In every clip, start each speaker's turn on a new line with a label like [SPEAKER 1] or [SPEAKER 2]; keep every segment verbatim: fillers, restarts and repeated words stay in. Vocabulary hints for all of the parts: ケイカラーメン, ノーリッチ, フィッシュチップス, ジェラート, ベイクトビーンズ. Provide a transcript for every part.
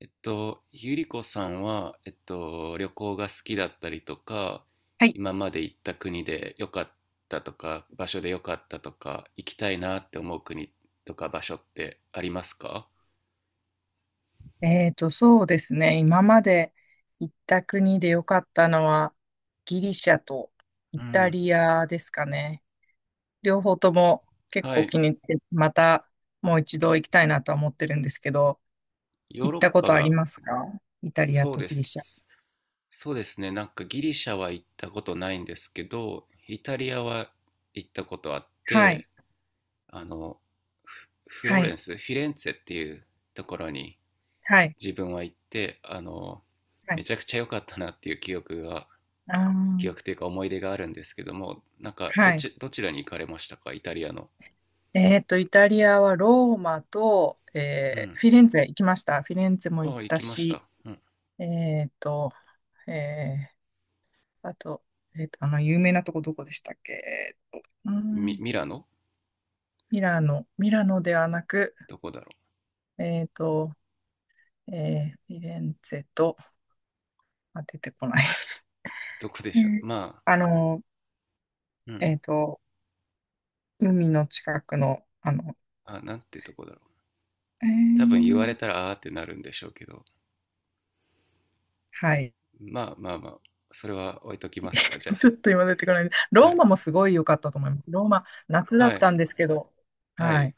[SPEAKER 1] えっと、ゆりこさんは、えっと、旅行が好きだったりとか、
[SPEAKER 2] はい。
[SPEAKER 1] 今まで行った国で良かったとか、場所で良かったとか、行きたいなって思う国とか場所ってありますか？
[SPEAKER 2] えーと、そうですね。今まで行った国で良かったのは、ギリシャとイ
[SPEAKER 1] う
[SPEAKER 2] タ
[SPEAKER 1] ん。
[SPEAKER 2] リアですかね。両方とも結
[SPEAKER 1] は
[SPEAKER 2] 構
[SPEAKER 1] い、
[SPEAKER 2] 気に入って、またもう一度行きたいなとは思ってるんですけど、
[SPEAKER 1] ヨー
[SPEAKER 2] 行っ
[SPEAKER 1] ロッ
[SPEAKER 2] たこ
[SPEAKER 1] パ
[SPEAKER 2] とあり
[SPEAKER 1] が、
[SPEAKER 2] ますか？イタリア
[SPEAKER 1] そう
[SPEAKER 2] と
[SPEAKER 1] で
[SPEAKER 2] ギリシャ。
[SPEAKER 1] す。そうですね、なんかギリシャは行ったことないんですけど、イタリアは行ったことあっ
[SPEAKER 2] は
[SPEAKER 1] て、
[SPEAKER 2] い。
[SPEAKER 1] あの、フフロ
[SPEAKER 2] は
[SPEAKER 1] ーレン
[SPEAKER 2] い。
[SPEAKER 1] ス、フィレンツェっていうところに
[SPEAKER 2] はい。
[SPEAKER 1] 自分は行ってあの
[SPEAKER 2] は
[SPEAKER 1] め
[SPEAKER 2] い。
[SPEAKER 1] ちゃくちゃ良かったなっていう記憶が
[SPEAKER 2] あ
[SPEAKER 1] 記
[SPEAKER 2] ー、
[SPEAKER 1] 憶というか思い出があるんですけども、なんかど
[SPEAKER 2] はい。
[SPEAKER 1] ちどちらに行かれましたか、イタリアの。
[SPEAKER 2] えーと、イタリアはローマと、
[SPEAKER 1] う
[SPEAKER 2] えー
[SPEAKER 1] ん。
[SPEAKER 2] フィレンツェ行きました。フィレンツェも行
[SPEAKER 1] あ
[SPEAKER 2] っ
[SPEAKER 1] あ、行
[SPEAKER 2] た
[SPEAKER 1] きまし
[SPEAKER 2] し、
[SPEAKER 1] た、うん。
[SPEAKER 2] えーと、えーあと、えっと、あの、有名なとこどこでしたっけ？えっと、うー
[SPEAKER 1] ミ
[SPEAKER 2] ん、
[SPEAKER 1] ミラノ
[SPEAKER 2] ミラノ、ミラノではなく、
[SPEAKER 1] どこだろう。
[SPEAKER 2] えっと、えー、フィレンツェと、あ、出てこない。
[SPEAKER 1] どこで
[SPEAKER 2] え
[SPEAKER 1] しょう、
[SPEAKER 2] ー
[SPEAKER 1] まあ。
[SPEAKER 2] あの、
[SPEAKER 1] うん。
[SPEAKER 2] えっと、海の近くの、あの、
[SPEAKER 1] あ、なんてとこだろう。
[SPEAKER 2] え
[SPEAKER 1] 多分言わ
[SPEAKER 2] ー
[SPEAKER 1] れたらあーってなるんでしょうけど。
[SPEAKER 2] はい。
[SPEAKER 1] まあまあまあ、それは置いときますか、じゃ
[SPEAKER 2] ちょっと今出てこない。
[SPEAKER 1] あ。は
[SPEAKER 2] ローマ
[SPEAKER 1] い、
[SPEAKER 2] もすごい良かったと思います。ローマ、夏だっ
[SPEAKER 1] はい、
[SPEAKER 2] たんですけど、
[SPEAKER 1] は
[SPEAKER 2] は
[SPEAKER 1] い。
[SPEAKER 2] い。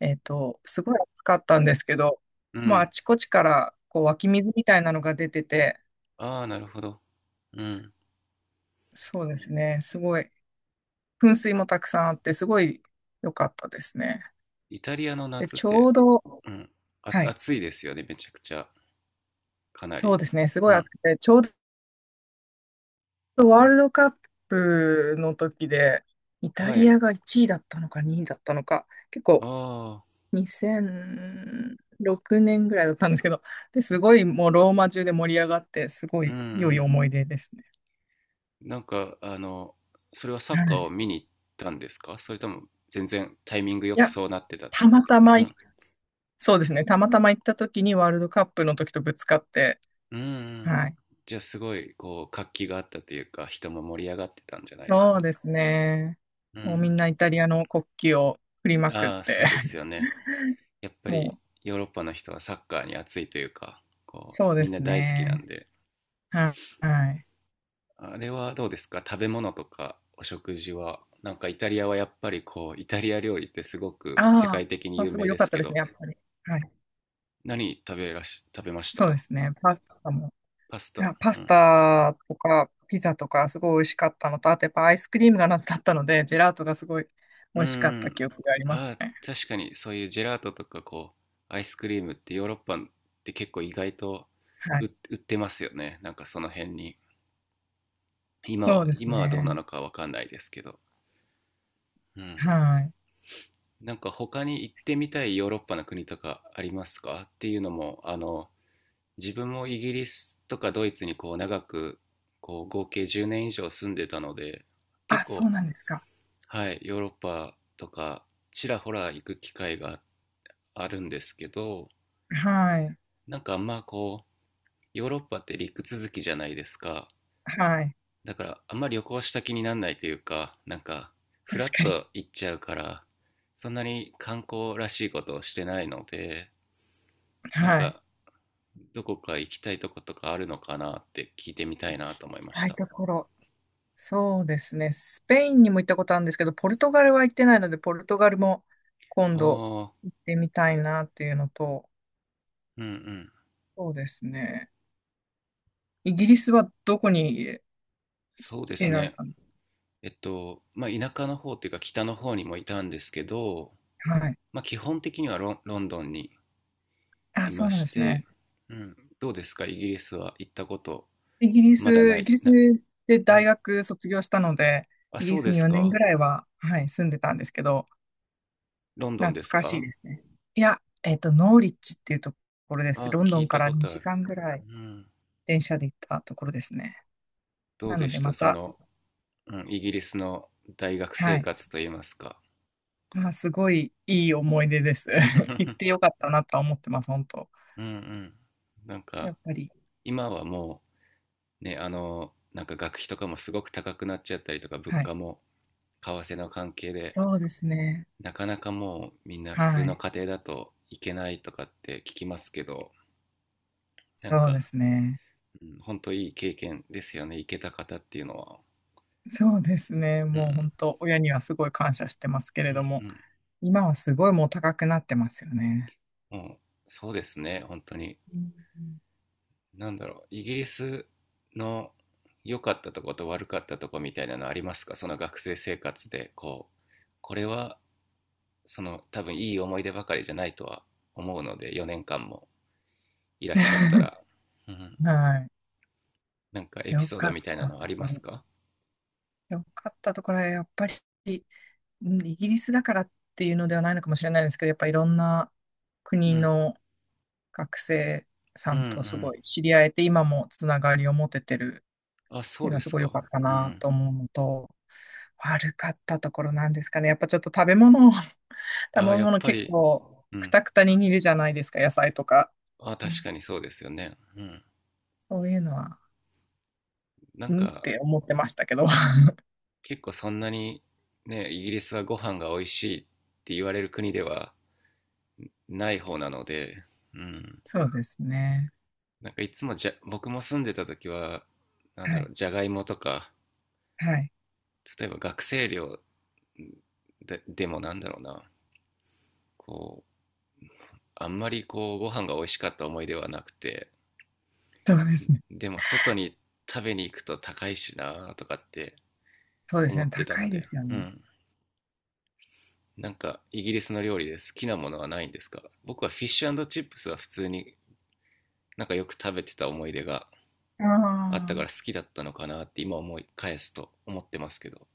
[SPEAKER 2] えっと、すごい暑かったんですけど、
[SPEAKER 1] う
[SPEAKER 2] もうあ
[SPEAKER 1] ん。
[SPEAKER 2] ちこちから、こう湧き水みたいなのが出てて、
[SPEAKER 1] ああ、なるほど。うん。
[SPEAKER 2] そうですね。すごい、噴水もたくさんあって、すごい良かったですね。
[SPEAKER 1] イタリアの
[SPEAKER 2] で、
[SPEAKER 1] 夏っ
[SPEAKER 2] ちょ
[SPEAKER 1] て、
[SPEAKER 2] うど、
[SPEAKER 1] うん、あ、
[SPEAKER 2] はい、
[SPEAKER 1] 暑いですよね、めちゃくちゃ、かな
[SPEAKER 2] そう
[SPEAKER 1] り。
[SPEAKER 2] ですね。すご
[SPEAKER 1] う
[SPEAKER 2] い暑
[SPEAKER 1] ん、
[SPEAKER 2] くて、ちょうどワ
[SPEAKER 1] う
[SPEAKER 2] ー
[SPEAKER 1] ん。
[SPEAKER 2] ルドカップの時で、イタ
[SPEAKER 1] は
[SPEAKER 2] リ
[SPEAKER 1] い。
[SPEAKER 2] アがいちいだったのかにいだったのか、結
[SPEAKER 1] あ
[SPEAKER 2] 構
[SPEAKER 1] あ、
[SPEAKER 2] にせんろくねんぐらいだったんですけど、で、すごいもうローマ中で盛り上がって、すご
[SPEAKER 1] うんう
[SPEAKER 2] い良い
[SPEAKER 1] ん。
[SPEAKER 2] 思い出ですね。
[SPEAKER 1] なんか、あの、それはサ
[SPEAKER 2] は
[SPEAKER 1] ッカーを
[SPEAKER 2] い。
[SPEAKER 1] 見に行ったんですか、それとも全然タイミングよ
[SPEAKER 2] い
[SPEAKER 1] く
[SPEAKER 2] や、
[SPEAKER 1] そうなってたっ
[SPEAKER 2] たま
[SPEAKER 1] てい
[SPEAKER 2] た
[SPEAKER 1] う。
[SPEAKER 2] ま
[SPEAKER 1] う
[SPEAKER 2] い、
[SPEAKER 1] ん。
[SPEAKER 2] そうですね。たまたま行った時にワールドカップの時とぶつかって、
[SPEAKER 1] うんうん。
[SPEAKER 2] はい。
[SPEAKER 1] じゃあすごい、こう、活気があったというか、人も盛り上がってたんじゃないです
[SPEAKER 2] そう
[SPEAKER 1] か？
[SPEAKER 2] ですね。
[SPEAKER 1] う
[SPEAKER 2] もうみん
[SPEAKER 1] ん。
[SPEAKER 2] なイタリアの国旗を振りまくっ
[SPEAKER 1] ああ、
[SPEAKER 2] て、
[SPEAKER 1] そうですよ ね。やっぱり
[SPEAKER 2] も
[SPEAKER 1] ヨーロッパの人はサッカーに熱いというか、
[SPEAKER 2] う、
[SPEAKER 1] こう、
[SPEAKER 2] そうで
[SPEAKER 1] みんな
[SPEAKER 2] す
[SPEAKER 1] 大好きなん
[SPEAKER 2] ね。
[SPEAKER 1] で。
[SPEAKER 2] はい。はい。
[SPEAKER 1] あれはどうですか、食べ物とかお食事は。なんかイタリアはやっぱりこう、イタリア料理ってすごく世
[SPEAKER 2] ああ、
[SPEAKER 1] 界的に
[SPEAKER 2] まあ、
[SPEAKER 1] 有
[SPEAKER 2] すごい
[SPEAKER 1] 名
[SPEAKER 2] 良
[SPEAKER 1] で
[SPEAKER 2] か
[SPEAKER 1] す
[SPEAKER 2] った
[SPEAKER 1] け
[SPEAKER 2] です
[SPEAKER 1] ど、
[SPEAKER 2] ね、やっぱり。はい。
[SPEAKER 1] 何食べらし、食べまし
[SPEAKER 2] そうで
[SPEAKER 1] た？
[SPEAKER 2] すね。パスタも。
[SPEAKER 1] パス
[SPEAKER 2] いや、
[SPEAKER 1] タ。
[SPEAKER 2] パ
[SPEAKER 1] う
[SPEAKER 2] ス
[SPEAKER 1] ん。
[SPEAKER 2] タとかピザとかすごい美味しかったのと、あとやっぱアイスクリームが夏だったので、ジェラートがすごい
[SPEAKER 1] う
[SPEAKER 2] 美
[SPEAKER 1] ん
[SPEAKER 2] 味しか
[SPEAKER 1] う
[SPEAKER 2] った
[SPEAKER 1] ん。
[SPEAKER 2] 記憶があります
[SPEAKER 1] ああ、
[SPEAKER 2] ね。
[SPEAKER 1] 確かにそういうジェラートとかこう、アイスクリームってヨーロッパって結構意外と
[SPEAKER 2] はい。
[SPEAKER 1] 売売ってますよね。なんかその辺に。今
[SPEAKER 2] そ
[SPEAKER 1] は、
[SPEAKER 2] うです
[SPEAKER 1] 今はどうな
[SPEAKER 2] ね。
[SPEAKER 1] のかわかんないですけど。うん。
[SPEAKER 2] はい。
[SPEAKER 1] なんか他に行ってみたいヨーロッパの国とかありますかっていうのも、あの、自分もイギリスとかドイツにこう長く、こう合計じゅうねん以上住んでたので結
[SPEAKER 2] あ、そ
[SPEAKER 1] 構、
[SPEAKER 2] うなんですか。
[SPEAKER 1] はい、ヨーロッパとかちらほら行く機会があるんですけど、
[SPEAKER 2] はい。
[SPEAKER 1] なんかあんまこう、ヨーロッパって陸続きじゃないですか。
[SPEAKER 2] はい。
[SPEAKER 1] だからあんまり旅行した気にならないというか、なんかフ
[SPEAKER 2] 確
[SPEAKER 1] ラッ
[SPEAKER 2] かに。
[SPEAKER 1] と行っちゃうから、そんなに観光らしいことをしてないので、なん
[SPEAKER 2] はい。行
[SPEAKER 1] かどこか行きたいとことかあるのかなって聞いてみたいなと思い
[SPEAKER 2] き
[SPEAKER 1] まし
[SPEAKER 2] たい
[SPEAKER 1] た。
[SPEAKER 2] ところ。そうですね。スペインにも行ったことあるんですけど、ポルトガルは行ってないので、ポルトガルも
[SPEAKER 1] あ
[SPEAKER 2] 今度
[SPEAKER 1] あ、
[SPEAKER 2] 行ってみたいなっていうのと、
[SPEAKER 1] うんうん。
[SPEAKER 2] そうですね。イギリスはどこに入れ、
[SPEAKER 1] そうです
[SPEAKER 2] 入れられ
[SPEAKER 1] ね。
[SPEAKER 2] たんです
[SPEAKER 1] えっと、まあ、田舎の方っていうか北の方にもいたんですけど、
[SPEAKER 2] か？はい。
[SPEAKER 1] まあ、基本的にはロン、ロンドンに
[SPEAKER 2] あ、
[SPEAKER 1] い
[SPEAKER 2] そ
[SPEAKER 1] ま
[SPEAKER 2] うなん
[SPEAKER 1] し
[SPEAKER 2] ですね。
[SPEAKER 1] て、うん、どうですか、イギリスは行ったこと。
[SPEAKER 2] イギリ
[SPEAKER 1] まだ
[SPEAKER 2] ス、
[SPEAKER 1] な
[SPEAKER 2] イ
[SPEAKER 1] い。
[SPEAKER 2] ギリス
[SPEAKER 1] な、
[SPEAKER 2] で
[SPEAKER 1] う
[SPEAKER 2] 大
[SPEAKER 1] ん。
[SPEAKER 2] 学卒業したので、
[SPEAKER 1] あ、
[SPEAKER 2] イギ
[SPEAKER 1] そ
[SPEAKER 2] リ
[SPEAKER 1] う
[SPEAKER 2] ス
[SPEAKER 1] で
[SPEAKER 2] に
[SPEAKER 1] す
[SPEAKER 2] よねん
[SPEAKER 1] か。
[SPEAKER 2] ぐらいは、はい、住んでたんですけど、
[SPEAKER 1] ロンドン
[SPEAKER 2] 懐
[SPEAKER 1] です
[SPEAKER 2] かしい
[SPEAKER 1] か。
[SPEAKER 2] ですね。いや、えっと、ノーリッチっていうところです。
[SPEAKER 1] あ、
[SPEAKER 2] ロンド
[SPEAKER 1] 聞い
[SPEAKER 2] ンか
[SPEAKER 1] た
[SPEAKER 2] ら
[SPEAKER 1] ことあ
[SPEAKER 2] 2
[SPEAKER 1] る。
[SPEAKER 2] 時間ぐら
[SPEAKER 1] う
[SPEAKER 2] い
[SPEAKER 1] ん。
[SPEAKER 2] 電車で行ったところですね。
[SPEAKER 1] ど
[SPEAKER 2] な
[SPEAKER 1] うで
[SPEAKER 2] ので、
[SPEAKER 1] した
[SPEAKER 2] ま
[SPEAKER 1] そ
[SPEAKER 2] た、
[SPEAKER 1] の、うん、イギリスの大学
[SPEAKER 2] は
[SPEAKER 1] 生
[SPEAKER 2] い。
[SPEAKER 1] 活といいますか。
[SPEAKER 2] まあ、すごいいい思い出です。行っ てよかったなとは思ってます、本当。
[SPEAKER 1] うんうん。なん
[SPEAKER 2] や
[SPEAKER 1] か、
[SPEAKER 2] っぱり。
[SPEAKER 1] 今はもう、ね、あの、なんか学費とかもすごく高くなっちゃったりとか、物
[SPEAKER 2] は
[SPEAKER 1] 価
[SPEAKER 2] い。
[SPEAKER 1] も為替の関係で、
[SPEAKER 2] そうですね。
[SPEAKER 1] なかなかもうみんな普
[SPEAKER 2] は
[SPEAKER 1] 通の
[SPEAKER 2] い。
[SPEAKER 1] 家庭だと行けないとかって聞きますけど、なん
[SPEAKER 2] そうで
[SPEAKER 1] か、
[SPEAKER 2] すね。
[SPEAKER 1] うん、本当いい経験ですよね、行けた方っていうのは。
[SPEAKER 2] そうですね。
[SPEAKER 1] う
[SPEAKER 2] もう
[SPEAKER 1] ん、
[SPEAKER 2] 本当、親にはすごい感謝してますけれ
[SPEAKER 1] う
[SPEAKER 2] ど
[SPEAKER 1] ん、
[SPEAKER 2] も、
[SPEAKER 1] うん。
[SPEAKER 2] 今はすごいもう高くなってますよね。
[SPEAKER 1] もう、そうですね、本当に。
[SPEAKER 2] うん。
[SPEAKER 1] なんだろう、イギリスの良かったとこと悪かったとこみたいなのありますか、その学生生活で、こう、これはその、多分いい思い出ばかりじゃないとは思うので、よねんかんもいらっしゃったら。うん、
[SPEAKER 2] は
[SPEAKER 1] なんかエ
[SPEAKER 2] い。
[SPEAKER 1] ピ
[SPEAKER 2] よ
[SPEAKER 1] ソード
[SPEAKER 2] かっ
[SPEAKER 1] みたいな
[SPEAKER 2] た
[SPEAKER 1] のあ
[SPEAKER 2] と
[SPEAKER 1] り
[SPEAKER 2] こ
[SPEAKER 1] ます
[SPEAKER 2] ろ。
[SPEAKER 1] か？
[SPEAKER 2] よかったところは、やっぱり、うん、イギリスだからっていうのではないのかもしれないですけど、やっぱいろんな国
[SPEAKER 1] うん、
[SPEAKER 2] の学生
[SPEAKER 1] うん
[SPEAKER 2] さ
[SPEAKER 1] う
[SPEAKER 2] んとす
[SPEAKER 1] ん。
[SPEAKER 2] ごい知り合えて、今もつながりを持ててる
[SPEAKER 1] あ、
[SPEAKER 2] っ
[SPEAKER 1] そ
[SPEAKER 2] て
[SPEAKER 1] う
[SPEAKER 2] いうの
[SPEAKER 1] で
[SPEAKER 2] はす
[SPEAKER 1] す
[SPEAKER 2] ごい良
[SPEAKER 1] か。
[SPEAKER 2] かった
[SPEAKER 1] う
[SPEAKER 2] な
[SPEAKER 1] ん。
[SPEAKER 2] と思うのと、悪かったところなんですかね。やっぱちょっと食べ物、食べ
[SPEAKER 1] あ、やっ
[SPEAKER 2] 物
[SPEAKER 1] ぱ
[SPEAKER 2] 結
[SPEAKER 1] り。
[SPEAKER 2] 構
[SPEAKER 1] う
[SPEAKER 2] ク
[SPEAKER 1] ん、
[SPEAKER 2] タクタに煮るじゃないですか、野菜とか。
[SPEAKER 1] あ、
[SPEAKER 2] う
[SPEAKER 1] 確
[SPEAKER 2] ん、
[SPEAKER 1] かにそうですよね。うん。
[SPEAKER 2] そういうのは、
[SPEAKER 1] なん
[SPEAKER 2] うんっ
[SPEAKER 1] か
[SPEAKER 2] て思ってましたけど。
[SPEAKER 1] 結構そんなに、ね、イギリスはご飯が美味しいって言われる国ではない方なので、うん、
[SPEAKER 2] そうですね。
[SPEAKER 1] なんかいつもじゃ、僕も住んでた時はなん
[SPEAKER 2] は
[SPEAKER 1] だろ
[SPEAKER 2] い。
[SPEAKER 1] う、じゃがいもとか、
[SPEAKER 2] はい。
[SPEAKER 1] 例えば学生寮ででも、なんだろうな、こう、あんまりこうご飯が美味しかった思い出はなくて、
[SPEAKER 2] そうですね。
[SPEAKER 1] でも外に食べに行くと高いしなとかって
[SPEAKER 2] そうです
[SPEAKER 1] 思っ
[SPEAKER 2] ね。
[SPEAKER 1] てた
[SPEAKER 2] 高
[SPEAKER 1] の
[SPEAKER 2] いで
[SPEAKER 1] で、
[SPEAKER 2] すよ
[SPEAKER 1] う
[SPEAKER 2] ね。
[SPEAKER 1] ん、なんかイギリスの料理で好きなものはないんですか？僕はフィッシュチップスは普通になんかよく食べてた思い出が
[SPEAKER 2] あ
[SPEAKER 1] あったから好
[SPEAKER 2] あ、
[SPEAKER 1] きだったのかなって今思い返すと思ってますけど。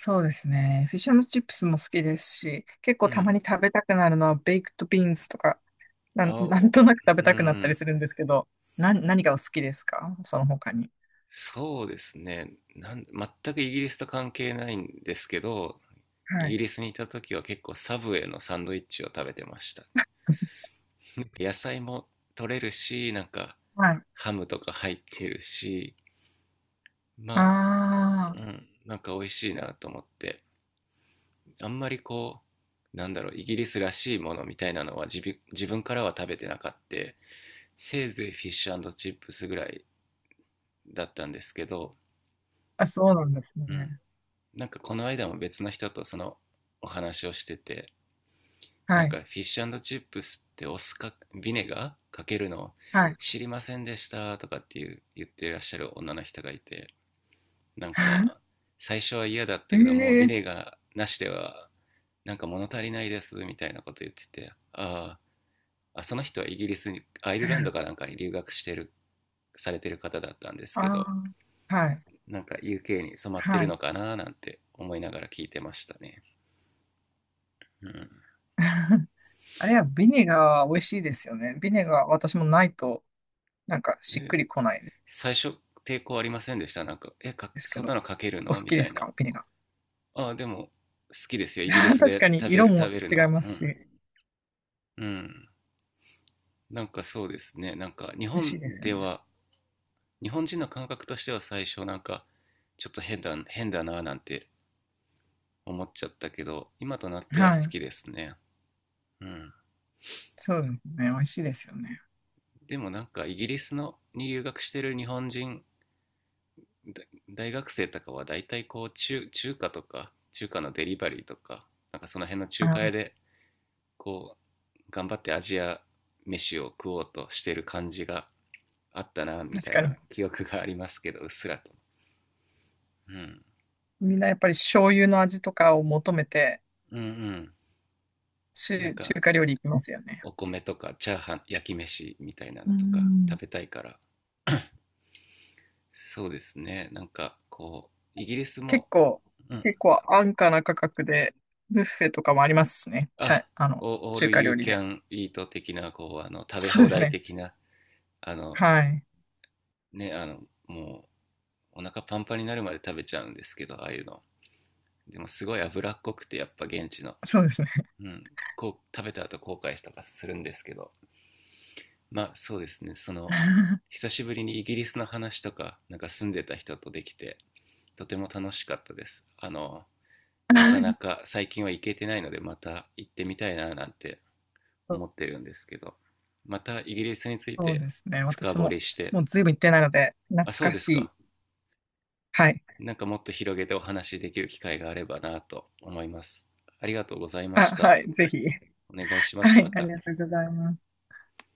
[SPEAKER 2] そうですね。フィッシュチップスも好きですし、結構
[SPEAKER 1] う
[SPEAKER 2] たま
[SPEAKER 1] ん。
[SPEAKER 2] に食べたくなるのはベイクトビーンズとかなん、
[SPEAKER 1] あ、
[SPEAKER 2] なん
[SPEAKER 1] お、
[SPEAKER 2] となく食べ
[SPEAKER 1] うんう
[SPEAKER 2] たくなったり
[SPEAKER 1] ん。
[SPEAKER 2] するんですけど、な、何がお好きですかその他に。
[SPEAKER 1] そうですね、なん全くイギリスと関係ないんですけど、
[SPEAKER 2] は
[SPEAKER 1] イギ
[SPEAKER 2] い。
[SPEAKER 1] リスにいた時は結構サブウェイのサンドイッチを食べてました。野菜も取れるし、なんか
[SPEAKER 2] はい。
[SPEAKER 1] ハムとか入ってるし、
[SPEAKER 2] あ
[SPEAKER 1] まあ、う
[SPEAKER 2] あ、
[SPEAKER 1] ん、なんか美味しいなと思って、あんまりこう、なんだろう、イギリスらしいものみたいなのは自分自分からは食べてなかった。せいぜいフィッシュチップスぐらいだったんですけど、
[SPEAKER 2] あ、そうなんです
[SPEAKER 1] うん、
[SPEAKER 2] ね。
[SPEAKER 1] なんかこの間も別の人とそのお話をしてて、な
[SPEAKER 2] は
[SPEAKER 1] ん
[SPEAKER 2] い。
[SPEAKER 1] かフィッシュチップスってお酢かビネガーかけるの
[SPEAKER 2] はい。
[SPEAKER 1] 知りませんでしたとかっていう言ってらっしゃる女の人がいて、なんか 最初は嫌だったけどもうビ
[SPEAKER 2] ええ、
[SPEAKER 1] ネガーなしではなんか物足りないですみたいなこと言ってて、ああ、その人はイギリスに、アイルランドかなんかに留学してるされてる方だったんです
[SPEAKER 2] あ
[SPEAKER 1] け
[SPEAKER 2] あ、
[SPEAKER 1] ど、
[SPEAKER 2] ー、はい。
[SPEAKER 1] なんか ユーケー に染まって
[SPEAKER 2] は
[SPEAKER 1] るの
[SPEAKER 2] い。
[SPEAKER 1] かななんて思いながら聞いてましたね、うん、
[SPEAKER 2] あれはビネガーは美味しいですよね。ビネガー、私もないと、なんかしっく
[SPEAKER 1] え、
[SPEAKER 2] りこない
[SPEAKER 1] 最初抵抗ありませんでした？なんか「え、か、
[SPEAKER 2] ですけ
[SPEAKER 1] そん
[SPEAKER 2] ど、
[SPEAKER 1] なのかける
[SPEAKER 2] お
[SPEAKER 1] の？」
[SPEAKER 2] 好
[SPEAKER 1] み
[SPEAKER 2] きで
[SPEAKER 1] たい
[SPEAKER 2] す
[SPEAKER 1] な
[SPEAKER 2] かビネガ
[SPEAKER 1] 「ああでも好きですよ、
[SPEAKER 2] ー。
[SPEAKER 1] イギリ ス
[SPEAKER 2] 確
[SPEAKER 1] で
[SPEAKER 2] かに
[SPEAKER 1] 食べ
[SPEAKER 2] 色
[SPEAKER 1] る食
[SPEAKER 2] も
[SPEAKER 1] べる
[SPEAKER 2] 違
[SPEAKER 1] の
[SPEAKER 2] い
[SPEAKER 1] は」。
[SPEAKER 2] ま
[SPEAKER 1] う
[SPEAKER 2] す
[SPEAKER 1] ん。
[SPEAKER 2] し、
[SPEAKER 1] うん。なんかそうですね、なんか日
[SPEAKER 2] 美味しい
[SPEAKER 1] 本
[SPEAKER 2] ですよ
[SPEAKER 1] で
[SPEAKER 2] ね。
[SPEAKER 1] は日本人の感覚としては最初なんか、ちょっと変だ変だななんて思っちゃったけど、今となっては好
[SPEAKER 2] はい。
[SPEAKER 1] きですね。うん。
[SPEAKER 2] そうですね。美味しいですよね。
[SPEAKER 1] でもなんかイギリスのに留学してる日本人大学生とかはだいたいこう、中中華とか、中華のデリバリーとか、なんかその辺の
[SPEAKER 2] あ
[SPEAKER 1] 中華屋
[SPEAKER 2] ー、
[SPEAKER 1] でこう頑張ってアジア飯を食おうとしてる感じがあったな、み
[SPEAKER 2] 確
[SPEAKER 1] たい
[SPEAKER 2] か
[SPEAKER 1] な
[SPEAKER 2] に。
[SPEAKER 1] 記憶がありますけど、うっすらと。うん、
[SPEAKER 2] みんなやっぱり醤油の味とかを求めて、
[SPEAKER 1] うんうん。なん
[SPEAKER 2] 中、中
[SPEAKER 1] か
[SPEAKER 2] 華料理行きますよね。
[SPEAKER 1] お米とかチャーハン、焼き飯みたいな
[SPEAKER 2] う
[SPEAKER 1] のとか
[SPEAKER 2] ん。
[SPEAKER 1] 食べたいから。そうですね、なんかこうイギリス
[SPEAKER 2] 結
[SPEAKER 1] も、
[SPEAKER 2] 構、
[SPEAKER 1] うん、
[SPEAKER 2] 結構安価な価格で、ブッフェとかもありますしね。ちゃ、
[SPEAKER 1] あ、
[SPEAKER 2] あの、
[SPEAKER 1] オー
[SPEAKER 2] 中
[SPEAKER 1] ル
[SPEAKER 2] 華
[SPEAKER 1] ユ
[SPEAKER 2] 料
[SPEAKER 1] ー
[SPEAKER 2] 理
[SPEAKER 1] キ
[SPEAKER 2] で。
[SPEAKER 1] ャンイート的な、こう、あの食べ
[SPEAKER 2] そう
[SPEAKER 1] 放
[SPEAKER 2] です
[SPEAKER 1] 題
[SPEAKER 2] ね。
[SPEAKER 1] 的な、あの
[SPEAKER 2] はい。
[SPEAKER 1] ね、あのもうお腹パンパンになるまで食べちゃうんですけど、ああいうの。でもすごい脂っこくてやっぱ現地の、
[SPEAKER 2] そうですね。
[SPEAKER 1] うん、こう食べた後、後悔したとかするんですけど、まあそうですね、その久しぶりにイギリスの話とかなんか住んでた人とできて、とても楽しかったです。あのなかな か最近は行けてないのでまた行ってみたいななんて
[SPEAKER 2] そう
[SPEAKER 1] 思ってるんですけど、またイギリスについ
[SPEAKER 2] そう
[SPEAKER 1] て
[SPEAKER 2] ですね。
[SPEAKER 1] 深
[SPEAKER 2] 私
[SPEAKER 1] 掘
[SPEAKER 2] も、
[SPEAKER 1] りして。
[SPEAKER 2] もうずいぶん行ってないので、懐
[SPEAKER 1] あ、そう
[SPEAKER 2] か
[SPEAKER 1] です
[SPEAKER 2] し
[SPEAKER 1] か。
[SPEAKER 2] い。はい。
[SPEAKER 1] なんかもっと広げてお話しできる機会があればなと思います。ありがとうございまし
[SPEAKER 2] あ、
[SPEAKER 1] た。
[SPEAKER 2] はい。ぜひ。
[SPEAKER 1] お願いします、
[SPEAKER 2] は
[SPEAKER 1] ま
[SPEAKER 2] い。あり
[SPEAKER 1] た。
[SPEAKER 2] がとうございます。